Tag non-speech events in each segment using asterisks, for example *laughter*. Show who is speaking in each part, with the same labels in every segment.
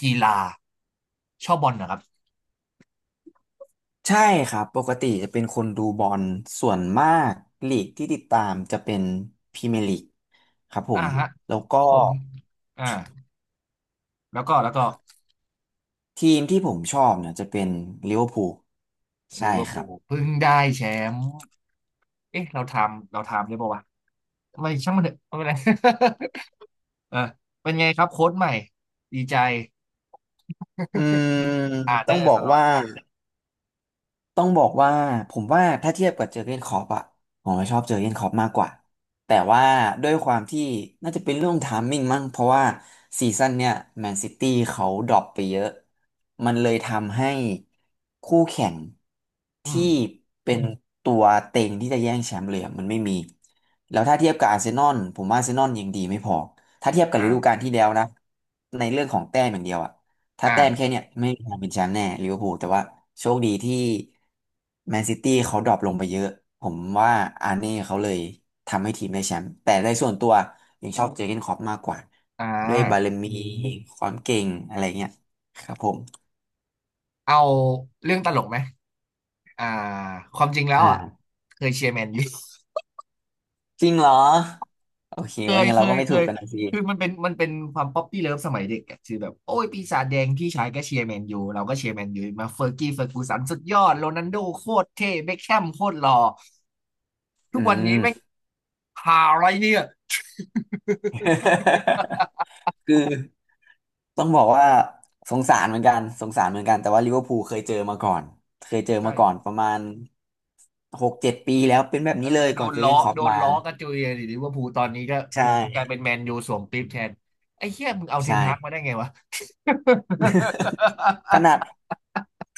Speaker 1: กีฬาชอบบอลนะครับ
Speaker 2: ใช่ครับ ปกติจะเป็นคนดูบอลส่วนมากลีกที่ติดตามจะเป็นพรีเมียร์ลีกครับผ
Speaker 1: อ่า
Speaker 2: ม
Speaker 1: ฮะ
Speaker 2: แล้วก็
Speaker 1: ผมอ่าแล้วก็
Speaker 2: ทีมที่ผมชอบเนี่ยจะเป็นลิเวอร์พูลใช่
Speaker 1: ลิเวอร์
Speaker 2: ครั
Speaker 1: พู
Speaker 2: บ
Speaker 1: ลเพิ่งได้แชมป์เอ๊ะเราทำได้ป่าวะไม่ช่างมันเถอะไม่เป็นไร *laughs* เออเป็นไงครับโค้ชใหม่ดีใจ
Speaker 2: อืม
Speaker 1: อาร์เน
Speaker 2: ต้อ
Speaker 1: อ
Speaker 2: ง
Speaker 1: ร์
Speaker 2: บอ
Speaker 1: ส
Speaker 2: ก
Speaker 1: ล็อต
Speaker 2: ว่า ต้องบอกว่าผมว่าถ้าเทียบกับเจอร์เก้นคล็อปอะผมว่าชอบเจอร์เก้นคล็อปมากกว่าแต่ว่าด้วยความที่น่าจะเป็นเรื่องไทามมิ่งมั้งเพราะว่าซีซั่นเนี่ยแมนซิตี้เขาดรอปไปเยอะมันเลยทำให้คู่แข่ง
Speaker 1: อื
Speaker 2: ที่
Speaker 1: ม
Speaker 2: เป็นตัวเต็งที่จะแย่งแชมป์เลยอะมันไม่มีแล้วถ้าเทียบกับอาร์เซนอลผมว่าอาร์เซนอลยังดีไม่พอถ้าเทียบกับฤดูกา
Speaker 1: อ่า
Speaker 2: ลที่แล้วนะในเรื่องของแต้มอย่างเดียวอะ ถ้า
Speaker 1: อ่
Speaker 2: แต้ม
Speaker 1: า
Speaker 2: แค่เนี่ยไม่มีทางเป็นแชมป์แน่ลิเวอร์พูลแต่ว่าโชคดีที่แมนซิตี้เขาดรอปลงไปเยอะผมว่าอาร์เน่เขาเลยทำให้ทีมได้แชมป์แต่ในส่วนตัวยังชอบเจอร์เก้นคล็อปมากกว่า
Speaker 1: อ่า
Speaker 2: ด้วยบารมีความเก่งอะไรเงี้ยครับผม
Speaker 1: เอาเรื่องตลกไหมอ่าความจริงแล้วอ่ะ
Speaker 2: อ่า
Speaker 1: เคยเชียร์แมนยู
Speaker 2: จริงเหรอโอเค
Speaker 1: เค
Speaker 2: ว่าอ
Speaker 1: ย
Speaker 2: ย่างนั้น
Speaker 1: เค
Speaker 2: เราก็
Speaker 1: ย
Speaker 2: ไม่
Speaker 1: เค
Speaker 2: ถูก
Speaker 1: ย
Speaker 2: กันนะสิ
Speaker 1: คือมันเป็นความป๊อปปี้เลิฟสมัยเด็กอะคือแบบโอ้ยปีศาจแดงพี่ชายก็เชียร์แมนยูเราก็เชียร์แมนยูมาเฟอร์กี้เฟอร์กูสันสุดยอดโรนัลโดโคตรเท่เบ็คแฮมโคตรหล่อทุ
Speaker 2: อื
Speaker 1: กวันนี้
Speaker 2: ม
Speaker 1: ไม่งหาอะไรเนี่ย
Speaker 2: *laughs* คือต้องบอกว่าสงสารเหมือนกันสงสารเหมือนกันแต่ว่าลิเวอร์พูลเคยเจอมาก่อนเคยเจอ
Speaker 1: ใช่
Speaker 2: มาก่อนประมาณ6-7 ปีแล้วเป็นแบบ
Speaker 1: เออ
Speaker 2: นี้เลย
Speaker 1: โด
Speaker 2: ก่อน
Speaker 1: น
Speaker 2: เจอร์
Speaker 1: ล้
Speaker 2: เก
Speaker 1: อ
Speaker 2: นคล็อป
Speaker 1: โดน
Speaker 2: มา
Speaker 1: ล้อกระจุยหรือว่าภูลตอนนี้ก็
Speaker 2: ใช่
Speaker 1: กลายเป็นแมนยูสวมปี๊บแทนไอ้เหี้ยมึงเอาเท
Speaker 2: ใช่
Speaker 1: นฮากมาได้ไงวะ
Speaker 2: ขนาด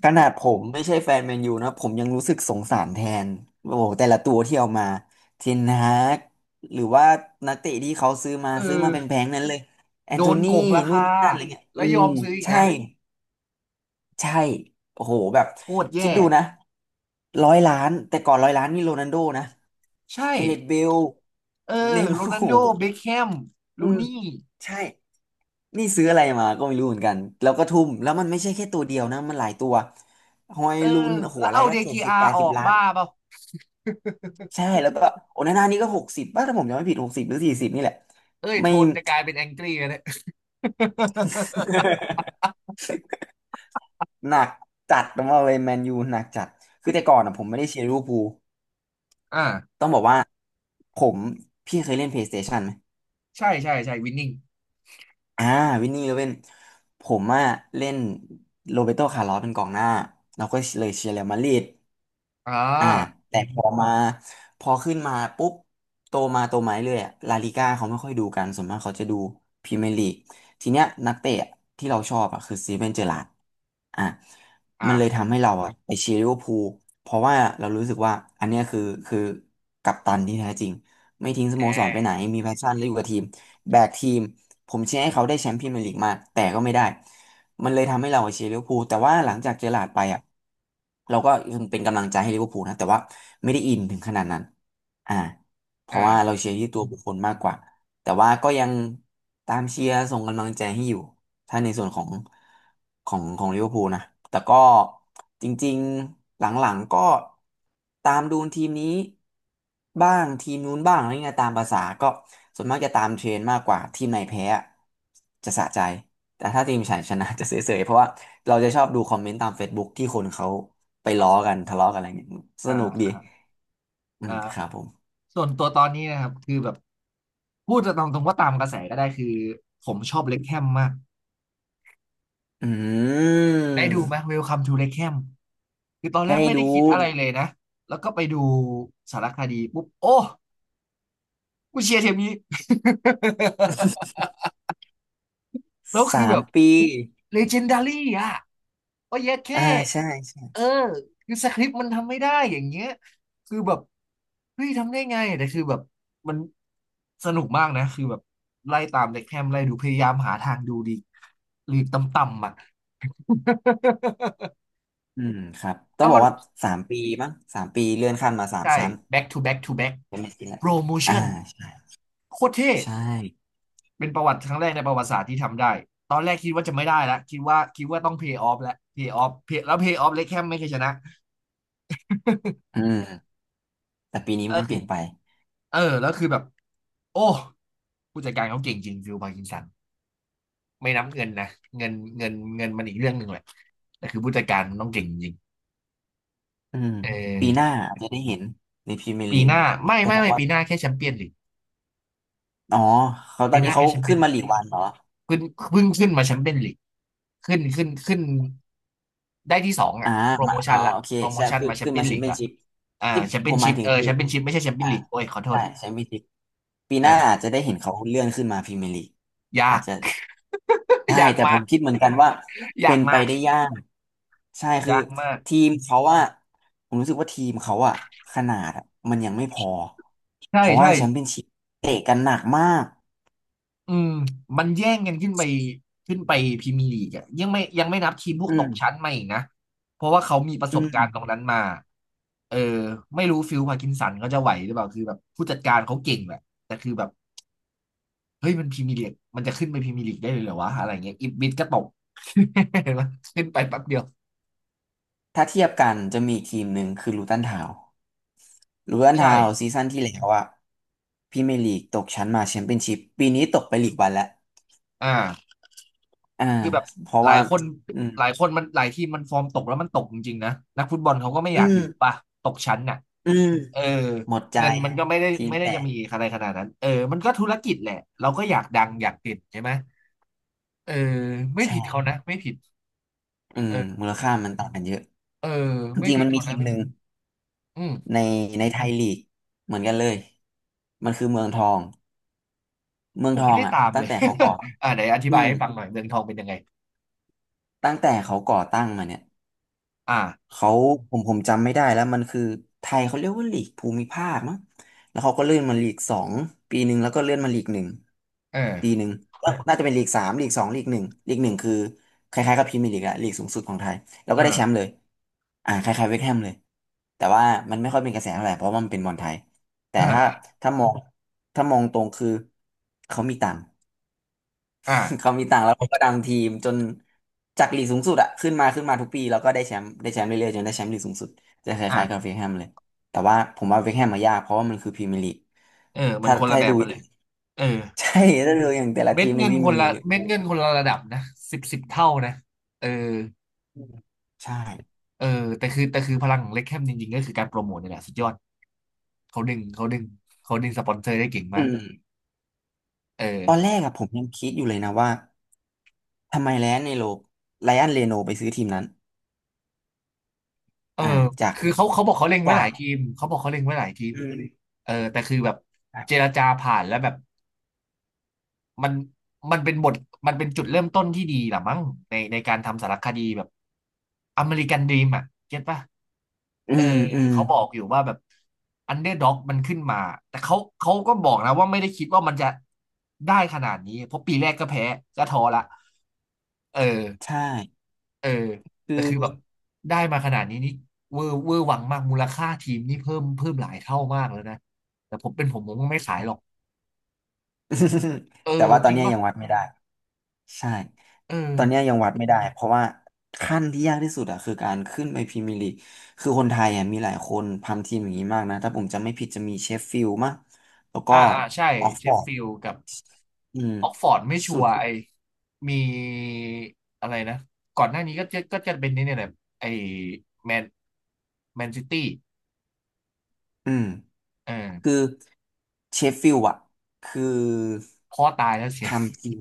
Speaker 2: ขนาดผมไม่ใช่แฟนแมนยูนะผมยังรู้สึกสงสารแทนโอ้โหแต่ละตัวที่เอามาเทนฮากหรือว่านักเตะที่เขาซื้อมา
Speaker 1: *laughs*
Speaker 2: ซื้อมา
Speaker 1: เออ
Speaker 2: เป็นแพงๆนั้นเลยแอน
Speaker 1: โด
Speaker 2: โท
Speaker 1: น
Speaker 2: นี่
Speaker 1: โกงรา
Speaker 2: นู่
Speaker 1: คา
Speaker 2: นนี่นั่นอะไรเงี้ยอื
Speaker 1: แล้วย
Speaker 2: ม
Speaker 1: อมซื้ออีก
Speaker 2: ใช่
Speaker 1: นะ
Speaker 2: ใช่โอ้โหแบบ
Speaker 1: โคตร
Speaker 2: คิด
Speaker 1: แย่
Speaker 2: ดูนะร้อยล้านแต่ก่อนร้อยล้านนี่โรนัลโดนะ
Speaker 1: ใช่
Speaker 2: แกเร t เบล
Speaker 1: เออ
Speaker 2: เนย์มา
Speaker 1: โร
Speaker 2: ร์โอ้
Speaker 1: นัล
Speaker 2: โห
Speaker 1: โดเบคแฮม
Speaker 2: อื
Speaker 1: รู
Speaker 2: ม
Speaker 1: นี่
Speaker 2: ใช่นี่ซื้ออะไรมาก็ไม่รู้เหมือนกันแล้วก็ทุ่มแล้วมันไม่ใช่แค่ตัวเดียวนะมันหลายตัวฮอย
Speaker 1: เออ
Speaker 2: ลุนโอ้โห
Speaker 1: แล้ว
Speaker 2: อะไร
Speaker 1: เอา
Speaker 2: ก็
Speaker 1: เด
Speaker 2: เจ็ด
Speaker 1: กี
Speaker 2: สิบ
Speaker 1: อา
Speaker 2: แป
Speaker 1: ร์
Speaker 2: ด
Speaker 1: อ
Speaker 2: สิ
Speaker 1: อ
Speaker 2: บ
Speaker 1: ก
Speaker 2: ล้าน
Speaker 1: บ้าเปล่า
Speaker 2: ใช่แล้วก็โอนาน่านี่ก็หกสิบป่ะถ้าผมจำไม่ผิด60 หรือ 40นี่แหละ
Speaker 1: เอ้ยโท
Speaker 2: ไม่
Speaker 1: นจะกลายเป็นแองกี้แล้เนี่ย *laughs*
Speaker 2: *laughs* หนักจัดต้องบอกเลยแมนยูหนักจัดคือแต่ก่อนอ่ะผมไม่ได้เชียร์ลิเวอร์พูล
Speaker 1: อ่า
Speaker 2: ต้องบอกว่าผมพี่เคยเล่น PlayStation ไหม
Speaker 1: ใช่ใช่ใช่วินนิ่ง
Speaker 2: อ่าวินนี่โรเบนผมอ่ะเล่นโรเบโตคาร์ลอสเป็นกองหน้าเราก็เลยเชียร์เรอัลมาดริด
Speaker 1: อ่
Speaker 2: อ่า
Speaker 1: า
Speaker 2: แต่พอขึ้นมาปุ๊บโตมาเรื่อยอะลาลิก้าเขาไม่ค่อยดูกันส่วนมากเขาจะดูพรีเมียร์ลีกทีเนี้ยนักเตะที่เราชอบอ่ะคือสตีเวนเจอราร์ดอ่ะ
Speaker 1: อ่า
Speaker 2: มันเลยทำให้เราอ่ะไปเชียร์ลิเวอร์พูลเพราะว่าเรารู้สึกว่าอันเนี้ยคือกัปตันที่แท้จริงไม่ทิ้งส
Speaker 1: แ
Speaker 2: โมสรไปไหน
Speaker 1: อ
Speaker 2: มีแพชชั่นและอยู่กับทีมแบกทีมผมเชียร์ให้เขาได้แชมป์พรีเมียร์ลีกมาแต่ก็ไม่ได้ มันเลยทำให้เราเชียร์ลิเวอร์พูลแต่ว่าหลังจากเจอหลาร์ดไปอ่ะเราก็ยังเป็นกำลังใจให้ลิเวอร์พูลนะแต่ว่าไม่ได้อินถึงขนาดนั้นอ่าเพ
Speaker 1: อ่า
Speaker 2: ราะว่าเราเชียร์ที่ตัวบุคคลมากกว่าแต่ว่าก็ยังตามเชียร์ส่งกำลังใจให้อยู่ถ้าในส่วนของลิเวอร์พูลนะแต่ก็จริงๆหลังๆก็ตามดูทีมนี้บ้างทีมนู้นบ้างอะไรเงี้ยตามภาษาก็ส่วนมากจะตามเทรนด์มากกว่าทีมไหนแพ้อะจะสะใจ แต่ถ้าทีมฉันชนะจะเสยๆเพราะว่าเราจะชอบดูคอมเมนต์ตาม Facebook ที่คนเขาไปล้อกันทะเลาะกันอะไรเงี้ยส
Speaker 1: อ่
Speaker 2: นุกดี
Speaker 1: า
Speaker 2: อืมครั
Speaker 1: อ่า
Speaker 2: บผม
Speaker 1: ส่วนตัวตอนนี้นะครับคือแบบพูดตามตรงว่าตามกระแสก็ได้คือผมชอบเล็คแฮมมาก
Speaker 2: อื
Speaker 1: ได้ดูไหม
Speaker 2: ม
Speaker 1: e l ลค m มทูเล็คแฮมคือตอนแรก
Speaker 2: ได้
Speaker 1: ไม่ได้
Speaker 2: ดู
Speaker 1: คิดอะไรเลยนะแล้วก็ไปดูสารคดีปุ๊บโอ้กูเชียร์ทีมนี้ *laughs* แล้วคือ
Speaker 2: สา
Speaker 1: แบ
Speaker 2: ม
Speaker 1: บ
Speaker 2: ปี
Speaker 1: legendary อ่ะก็เยอะแค่
Speaker 2: อ่าใช่ใช่
Speaker 1: เออคือสคริปต์มันทำไม่ได้อย่างเงี้ยคือแบบเฮ้ยทำได้ไงแต่คือแบบมันสนุกมากนะคือแบบไล่ตามเด็กแฮมไล่ดูพยายามหาทางดูดีลีกต่ำๆอ่ะ *laughs*
Speaker 2: อืมครับต้อ
Speaker 1: แล้
Speaker 2: ง
Speaker 1: ว
Speaker 2: บอ
Speaker 1: มั
Speaker 2: ก
Speaker 1: น
Speaker 2: ว่าสามปีมั้งสามปีเลื่อนขั้นมาสาม
Speaker 1: ใช่
Speaker 2: ชั้น
Speaker 1: back to back to back
Speaker 2: เป็นไม่กี่แหละ
Speaker 1: promotion โม
Speaker 2: อ่า
Speaker 1: ชั่น
Speaker 2: ใช่
Speaker 1: โคตรเท่
Speaker 2: ใช่
Speaker 1: เป็นประวัติครั้งแรกในประวัติศาสตร์ที่ทำได้ ตอนแรกคิดว่าจะไม่ได้แล้ว คิดว่าต้อง pay off แล้ว pay off เล็กแคมไม่เคยชนะ
Speaker 2: อืมแต่ปีนี้
Speaker 1: ก็
Speaker 2: มันเป
Speaker 1: คือ
Speaker 2: ลี่ยนไป
Speaker 1: เออแล้วคือแบบโอ้ผู้จัดการเขาเก่งจริงฟิลพาร์กินสันไม่นับเงินนะเงินมันอีกเรื่องหนึ่งแหละแต่คือผู้จัดการมันต้องเก่งจริง
Speaker 2: อืม
Speaker 1: เอ
Speaker 2: ปีหน้า
Speaker 1: อ
Speaker 2: อาจจะได้เห็นในพรีเมียร์ลี
Speaker 1: ปี
Speaker 2: ก
Speaker 1: หน้าไม่
Speaker 2: แต่
Speaker 1: ไม่
Speaker 2: ผม
Speaker 1: ไม่
Speaker 2: ว่า
Speaker 1: ปีหน้าแค่แชมเปี้ยนลีก
Speaker 2: อ๋อเขาตอ
Speaker 1: ปี
Speaker 2: น
Speaker 1: ห
Speaker 2: นี้
Speaker 1: น้า
Speaker 2: เขา
Speaker 1: แค่แชมเปี้ย
Speaker 2: ขึ้
Speaker 1: น
Speaker 2: น
Speaker 1: ลี
Speaker 2: มา
Speaker 1: ก
Speaker 2: ลีกวันเหรอ
Speaker 1: ขึ้นเพิ่งขึ้นมาแชมเปี้ยนลีกขึ้นได้ที่สอง
Speaker 2: อ่า
Speaker 1: อ่ะโปรโม
Speaker 2: มาอ๋อ
Speaker 1: ชั่นละ
Speaker 2: โอเค
Speaker 1: โปรโม
Speaker 2: ใช่
Speaker 1: ชั่น
Speaker 2: คือ
Speaker 1: มาแชม
Speaker 2: ขึ้น
Speaker 1: เปี้ย
Speaker 2: มา
Speaker 1: น
Speaker 2: แช
Speaker 1: ลี
Speaker 2: ม
Speaker 1: ก
Speaker 2: เปี้ยน
Speaker 1: ละ
Speaker 2: ชิพ
Speaker 1: อ่า
Speaker 2: ที่
Speaker 1: แชม
Speaker 2: ผ
Speaker 1: เปี้ยน
Speaker 2: มห
Speaker 1: ชิ
Speaker 2: มาย
Speaker 1: พ
Speaker 2: ถึ
Speaker 1: เอ
Speaker 2: ง
Speaker 1: อ
Speaker 2: คือ
Speaker 1: แชมเปี้ยนชิพไม่ใช่แชมเปี้ย
Speaker 2: อ่า
Speaker 1: นลีกโอ้ยขอโท
Speaker 2: ใช่
Speaker 1: ษ
Speaker 2: แชมเปี้ยนชิพปีหน้า
Speaker 1: อ่า
Speaker 2: อาจจะได้เห็นเขาเลื่อนขึ้นมาพรีเมียร์ลีก
Speaker 1: ยา
Speaker 2: อาจ
Speaker 1: ก
Speaker 2: จะใช่
Speaker 1: *laughs* ยาก
Speaker 2: แต่ผ
Speaker 1: มาก
Speaker 2: มคิดเหมือนกันว่าเป็
Speaker 1: ยาก
Speaker 2: นไป
Speaker 1: มาก
Speaker 2: ได้ยากใช่คือ
Speaker 1: ยากมาก
Speaker 2: ทีมเขาว่าผมรู้สึกว่าทีมเขาอะขนาดอะมันยังไม่พอ
Speaker 1: ใช่
Speaker 2: เพราะว่า
Speaker 1: ใช่
Speaker 2: แชมเปี้ยนชิพเตะกันหนักมาก
Speaker 1: อืมมันแย่งกันขึ้นไปขึ้นไปพรีเมียร์ลีกอะยังไม่นับทีมพวก
Speaker 2: อื
Speaker 1: ต
Speaker 2: ม
Speaker 1: กชั้นมาอีกนะเพราะว่าเขามีประส
Speaker 2: อื
Speaker 1: บ
Speaker 2: ม
Speaker 1: การณ์ตรงนั้นมาเออไม่รู้ฟิลพาร์กินสันเขาจะไหวหรือเปล่าคือแบบผู้จัดการเขาเก่งแหละแต่คือแบบ เฮ้ยมันพรีเมียร์ลีกมันจะขึ้นไปพรีเมียร์ลีกได้เลยเหรอวะอะไรเงี้ยอีบิดก็ตก *laughs* เห็นไหมขึ้นไปแป๊บเดียว
Speaker 2: ถ้าเทียบกันจะมีอีกทีมหนึ่งคือลูตันทาวน์ รูเวน
Speaker 1: ใช่
Speaker 2: ทาวซีซั่นที่แล้วอะพรีเมียร์ลีกตกชั้นมาแชมเปี้ยนชิพปีนี้ตกไปลีกวันแล้ว
Speaker 1: อ่า
Speaker 2: อ่า
Speaker 1: คือแบบ
Speaker 2: เพราะ
Speaker 1: หลาย
Speaker 2: ว่า
Speaker 1: คน
Speaker 2: อืม
Speaker 1: หลายคนมันหลายทีมมันฟอร์มตกแล้วมันตกจริงๆนะนักฟุตบอลเขาก็ไม่
Speaker 2: อื
Speaker 1: อยาก
Speaker 2: ม
Speaker 1: อยู่ป่ะตกชั้นน่ะ
Speaker 2: อืม
Speaker 1: เออ
Speaker 2: หมดใจ
Speaker 1: เงินมันก็ไม่ได้
Speaker 2: ทีม
Speaker 1: ไม่ได้
Speaker 2: แต่
Speaker 1: จะมีอะไรขนาดนั้นเออมันก็ธุรกิจแหละเราก็อยากดังอยากเด่นใช่ไหมเออไม่
Speaker 2: ใช่
Speaker 1: ผิดเขานะไม่ผิด
Speaker 2: อืม
Speaker 1: เออ
Speaker 2: มูลค่ามันต่างกันเยอะ
Speaker 1: เออ
Speaker 2: จ
Speaker 1: ไม่
Speaker 2: ริงๆ
Speaker 1: ผิ
Speaker 2: มั
Speaker 1: ด
Speaker 2: นมี
Speaker 1: เขา
Speaker 2: ที
Speaker 1: นะ
Speaker 2: ม
Speaker 1: ไม่
Speaker 2: หนึ่
Speaker 1: ผิ
Speaker 2: ง
Speaker 1: ดอืม
Speaker 2: ในในไทยลีกเหมือนกันเลยมันคือเมืองทองเมือ
Speaker 1: ผ
Speaker 2: ง
Speaker 1: ม
Speaker 2: ทอ
Speaker 1: ไม่
Speaker 2: ง
Speaker 1: ได้
Speaker 2: อ่ะ
Speaker 1: ตาม
Speaker 2: ตั้
Speaker 1: เล
Speaker 2: ง
Speaker 1: ย
Speaker 2: แต่เขาก่อ
Speaker 1: *laughs* อ่าไหนอธิ
Speaker 2: อื
Speaker 1: บาย
Speaker 2: ม
Speaker 1: ให้ฟังหน่อยเมืองทองเป็นยังไง
Speaker 2: ตั้งแต่เขาก่อตั้งมาเนี่ย
Speaker 1: อ่า
Speaker 2: เขาผมจำไม่ได้แล้วมันคือไทยเขาเรียกว่าลีกภูมิภาคมั้งแล้วเขาก็เลื่อนมาลีกสองปีหนึ่งแล้วก็เลื่อนมาลีกหนึ่ง
Speaker 1: เอ
Speaker 2: ปี
Speaker 1: อ
Speaker 2: หนึ่งแล้วน่าจะเป็นลีกสามลีกสองลีกหนึ่งลีกหนึ่งคือคล้ายๆกับพรีเมียร์ลีกอะลีกสูงสุดของไทยแล้วก็ได้แชมป์
Speaker 1: อ่า
Speaker 2: เลยอ่าคล้ายๆเวสต์แฮมเลยแต่ว่ามันไม่ค่อยเป็นกระแสเท่าไหร่เพราะว่ามันเป็นบอลไทยแต่
Speaker 1: อ่
Speaker 2: ถ้า
Speaker 1: า
Speaker 2: ถ้ามองถ้ามองตรงคือเขามีตังค์ *laughs* เขา
Speaker 1: อ่า
Speaker 2: มีตางค์แล้วเขาก็ดันทีมจนจากลีกสูงสุดอะขึ้นมาทุกปีแล้วก็ได้แชมป์เรื่อยๆจนได้แชมป์ลีกสูงสุดจะค
Speaker 1: อ่า
Speaker 2: ล้ายๆกับเวคแฮมเลยแต่ว่าผมว่าเวคแฮมมายากเพราะว่ามันคือพรีเมียร์ลีก
Speaker 1: เออมัน
Speaker 2: ถ้า
Speaker 1: คน
Speaker 2: ถ้า
Speaker 1: ละแบ
Speaker 2: ดู
Speaker 1: บกันเลยเออ
Speaker 2: *laughs* ใช่ถ้าดูอย่างแต่ละ
Speaker 1: เม็
Speaker 2: ที
Speaker 1: ด
Speaker 2: มใน
Speaker 1: เงิ
Speaker 2: พ
Speaker 1: น
Speaker 2: รี
Speaker 1: ค
Speaker 2: เมีย
Speaker 1: น
Speaker 2: ร์ลี
Speaker 1: ละ
Speaker 2: กเนี่ยโอ้
Speaker 1: เม็ดเงิน
Speaker 2: โห
Speaker 1: คนละระดับนะสิบสิบเท่านะเออ
Speaker 2: ใช่
Speaker 1: เออแต่คือแต่คือพลังของเล็กแคมจริงๆก็คือการโปรโมทนี่แหละสุดยอดเขาดึงเขาดึงเขาดึงสปอนเซอร์ได้เก่ง
Speaker 2: อื
Speaker 1: มาก
Speaker 2: ม
Speaker 1: เออ
Speaker 2: ตอนแรกอะผมยังคิดอยู่เลยนะว่าทำไมไลออนเรโนไปซื้อทีมนั้น
Speaker 1: เออ
Speaker 2: อ่าจาก
Speaker 1: คือเขาบอกเขาเล็งไว้
Speaker 2: จา
Speaker 1: หลา
Speaker 2: ก
Speaker 1: ยทีมเขาบอกเขาเล็งไว้หลายทีม
Speaker 2: อืม
Speaker 1: เออแต่คือแบบเจรจาผ่านแล้วแบบ มันมันเป็นบทมันเป็นจุดเริ่มต้นที่ดีหรอมั้งในการทำสารคดีแบบอเมริกันดรีมอ่ะเก็ตป่ะ
Speaker 2: อื
Speaker 1: เออ
Speaker 2: มอืม
Speaker 1: เขาบอกอยู่ว่าแบบอันเดอร์ด็อกมันขึ้นมาแต่เขาก็บอกนะว่าไม่ได้คิดว่ามันจะได้ขนาดนี้เพราะปีแรกก็แพ้ก็ท้อละเออ
Speaker 2: ใช่
Speaker 1: เออ
Speaker 2: คือ
Speaker 1: แต่คือแบบได้มาขนาดนี้นี่เวอร์เวอร์หวังมากมูลค่าทีมนี่เพิ่มเพิ่มหลายเท่ามากแล้วนะแต่ผมเป็นผมก็ไม่ขายหรอกเอ
Speaker 2: *laughs* แต่
Speaker 1: อ
Speaker 2: ว่าตอ
Speaker 1: จ
Speaker 2: น
Speaker 1: ริง
Speaker 2: เนี้ย
Speaker 1: ป่ะ
Speaker 2: ยังวัดไม่ได้ใช่
Speaker 1: เออ
Speaker 2: ตอนเนี้ยยังวัดไม่ได้เพราะว่าขั้นที่ยากที่สุดอะคือการขึ้นไปพรีเมียร์ลีกคือคนไทยอะมีหลายคนทำทีมอย่างนี้มากนะถ้าผมจำไม่ผิดจะมีเชฟฟิลด์มั้งแล้วก็
Speaker 1: อ่าอ่าใช่
Speaker 2: ออก
Speaker 1: เช
Speaker 2: ฟอ
Speaker 1: ฟ
Speaker 2: ร์ด
Speaker 1: ฟิลด์กับ
Speaker 2: อืม
Speaker 1: ออกฟอร์ดไม่ชั
Speaker 2: สุ
Speaker 1: ว
Speaker 2: ด
Speaker 1: ร์ไอมีอะไรนะก่อนหน้านี้ก็จะเป็นนี่เนี่ยแหละไอแมนแมนซิตี้
Speaker 2: อืม
Speaker 1: เอ
Speaker 2: คื
Speaker 1: อ
Speaker 2: อเชฟฟิลด์อะคือ
Speaker 1: พ่อตายแล้วเสีย
Speaker 2: ทำทีม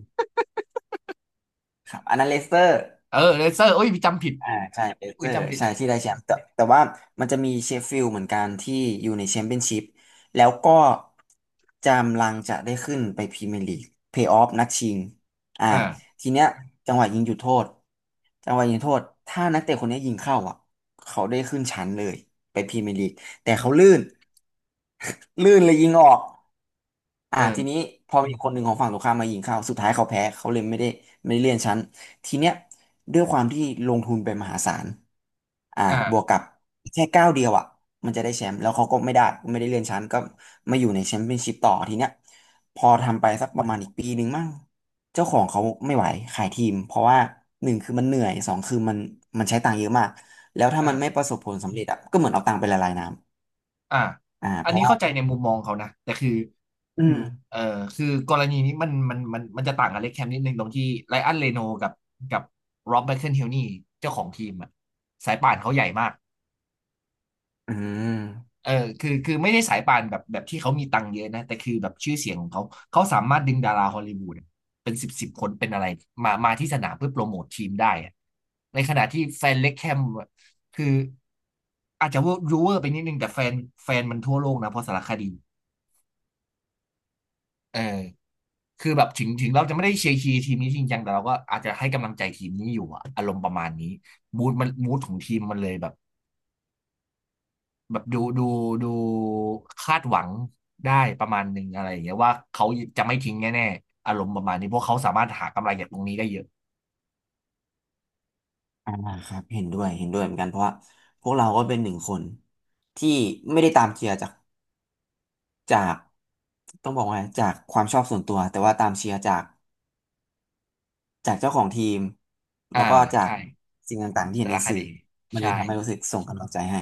Speaker 2: ครับอันนั้นเลสเตอร์
Speaker 1: *laughs* เออเลเซอร์โอ้ยจำผิด
Speaker 2: อ่าใช่เบสเซ
Speaker 1: อุ้
Speaker 2: อ
Speaker 1: ย
Speaker 2: ร์
Speaker 1: จำผิด
Speaker 2: ใช่ที่ได้แชมป์แต่ว่ามันจะมีเชฟฟิลด์เหมือนกันที่อยู่ในแชมเปี้ยนชิพแล้วก็จำลังจะได้ขึ้นไปพรีเมียร์ลีกเพลย์ออฟนัดชิงอ่า
Speaker 1: อ่า
Speaker 2: ทีเนี้ยจังหวะยิงจุดโทษจังหวะยิงโทษถ้านักเตะคนเนี้ยยิงเข้าอ่ะเขาได้ขึ้นชั้นเลยไปพรีเมียร์ลีกแต่เขาลื่น *laughs* ลื่นเลยยิงออก
Speaker 1: เอ
Speaker 2: อ่าที
Speaker 1: อ
Speaker 2: นี้พอมีคนหนึ่งของฝั่งตรงข้ามมายิงเข้าสุดท้ายเขาแพ้เขาเลยไม่ได้ไม่ได้เลื่อนชั้น ทีเนี้ยด้วยความที่ลงทุนไปมหาศาลอ่าบวก
Speaker 1: อ่า
Speaker 2: กับแค่ก้าวเดียวอ่ะมันจะได้แชมป์แล้วเขาก็ไม่ได้ไม่ได้เลื่อนชั้นก็มาอยู่ในแชมเปี้ยนชิพต่อทีเนี้ยพอทำไปสักประมาณอีกปีหนึ่งมั่งเจ้าของเขาไม่ไหวขายทีมเพราะว่าหนึ่งคือมันเหนื่อยสองคือมันมันใช้ตังค์เยอะมากแล้วถ้ามันไม่
Speaker 1: อ่า
Speaker 2: ประสบผลสำเร็จอ่ะก็เหมือนเอาตังค์ไปละลายน้
Speaker 1: อ่า
Speaker 2: ำอ่า
Speaker 1: อั
Speaker 2: เพ
Speaker 1: นนี้
Speaker 2: ราะว่า
Speaker 1: เข้าใจในมุมมองเขานะแต่คือ
Speaker 2: อืม
Speaker 1: เออคือกรณีนี้มันจะต่างกับเล็กแคมนิดนึงตรงที่ไรอันเรโนกับโรบแมคเคิลเฮนนี่เจ้าของทีมอะสายป่านเขาใหญ่มาก
Speaker 2: อืม
Speaker 1: เออคือไม่ได้สายป่านแบบที่เขามีตังค์เยอะนะแต่คือแบบชื่อเสียงของเขาเขาสามารถดึงดาราฮอลลีวูดเป็นสิบสิบคนเป็นอะไรมาที่สนามเพื่อโปรโมททีมได้อะในขณะที่แฟนเล็กแคมอะคืออาจจะว่ารูเวอร์ไปนิดนึงแต่แฟนมันทั่วโลกนะเพราะสารคดีเออคือแบบถึงเราจะไม่ได้เชียร์ทีมนี้จริงจังแต่เราก็อาจจะให้กำลังใจทีมนี้อยู่อะอารมณ์ประมาณนี้มูดมันมูดของทีมมันเลยแบบ แบบดูคาดหวังได้ประมาณหนึ่งอะไรอย่างเงี้ยว่าเขาจะไม่ทิ้งแน่ๆอารมณ์ประมาณนี้เพราะเขาสามารถหากำไรจากตรงนี้ได้เยอะ
Speaker 2: อ่าครับเห็นด้วยเหมือนกันเพราะว่าพวกเราก็เป็นหนึ่งคนที่ไม่ได้ตามเชียร์จาก จากต้องบอกว่าจากความชอบส่วนตัวแต่ว่าตามเชียร์จากเจ้าของทีม
Speaker 1: อ่า
Speaker 2: แล้วก็จาก
Speaker 1: ใช่
Speaker 2: สิ่งต่างๆที่เห็
Speaker 1: แต่
Speaker 2: นใน
Speaker 1: ละค
Speaker 2: สื่อ
Speaker 1: ดี
Speaker 2: มันเล
Speaker 1: ใช่
Speaker 2: ยทำให้รู้สึกส่งกำลังใจให้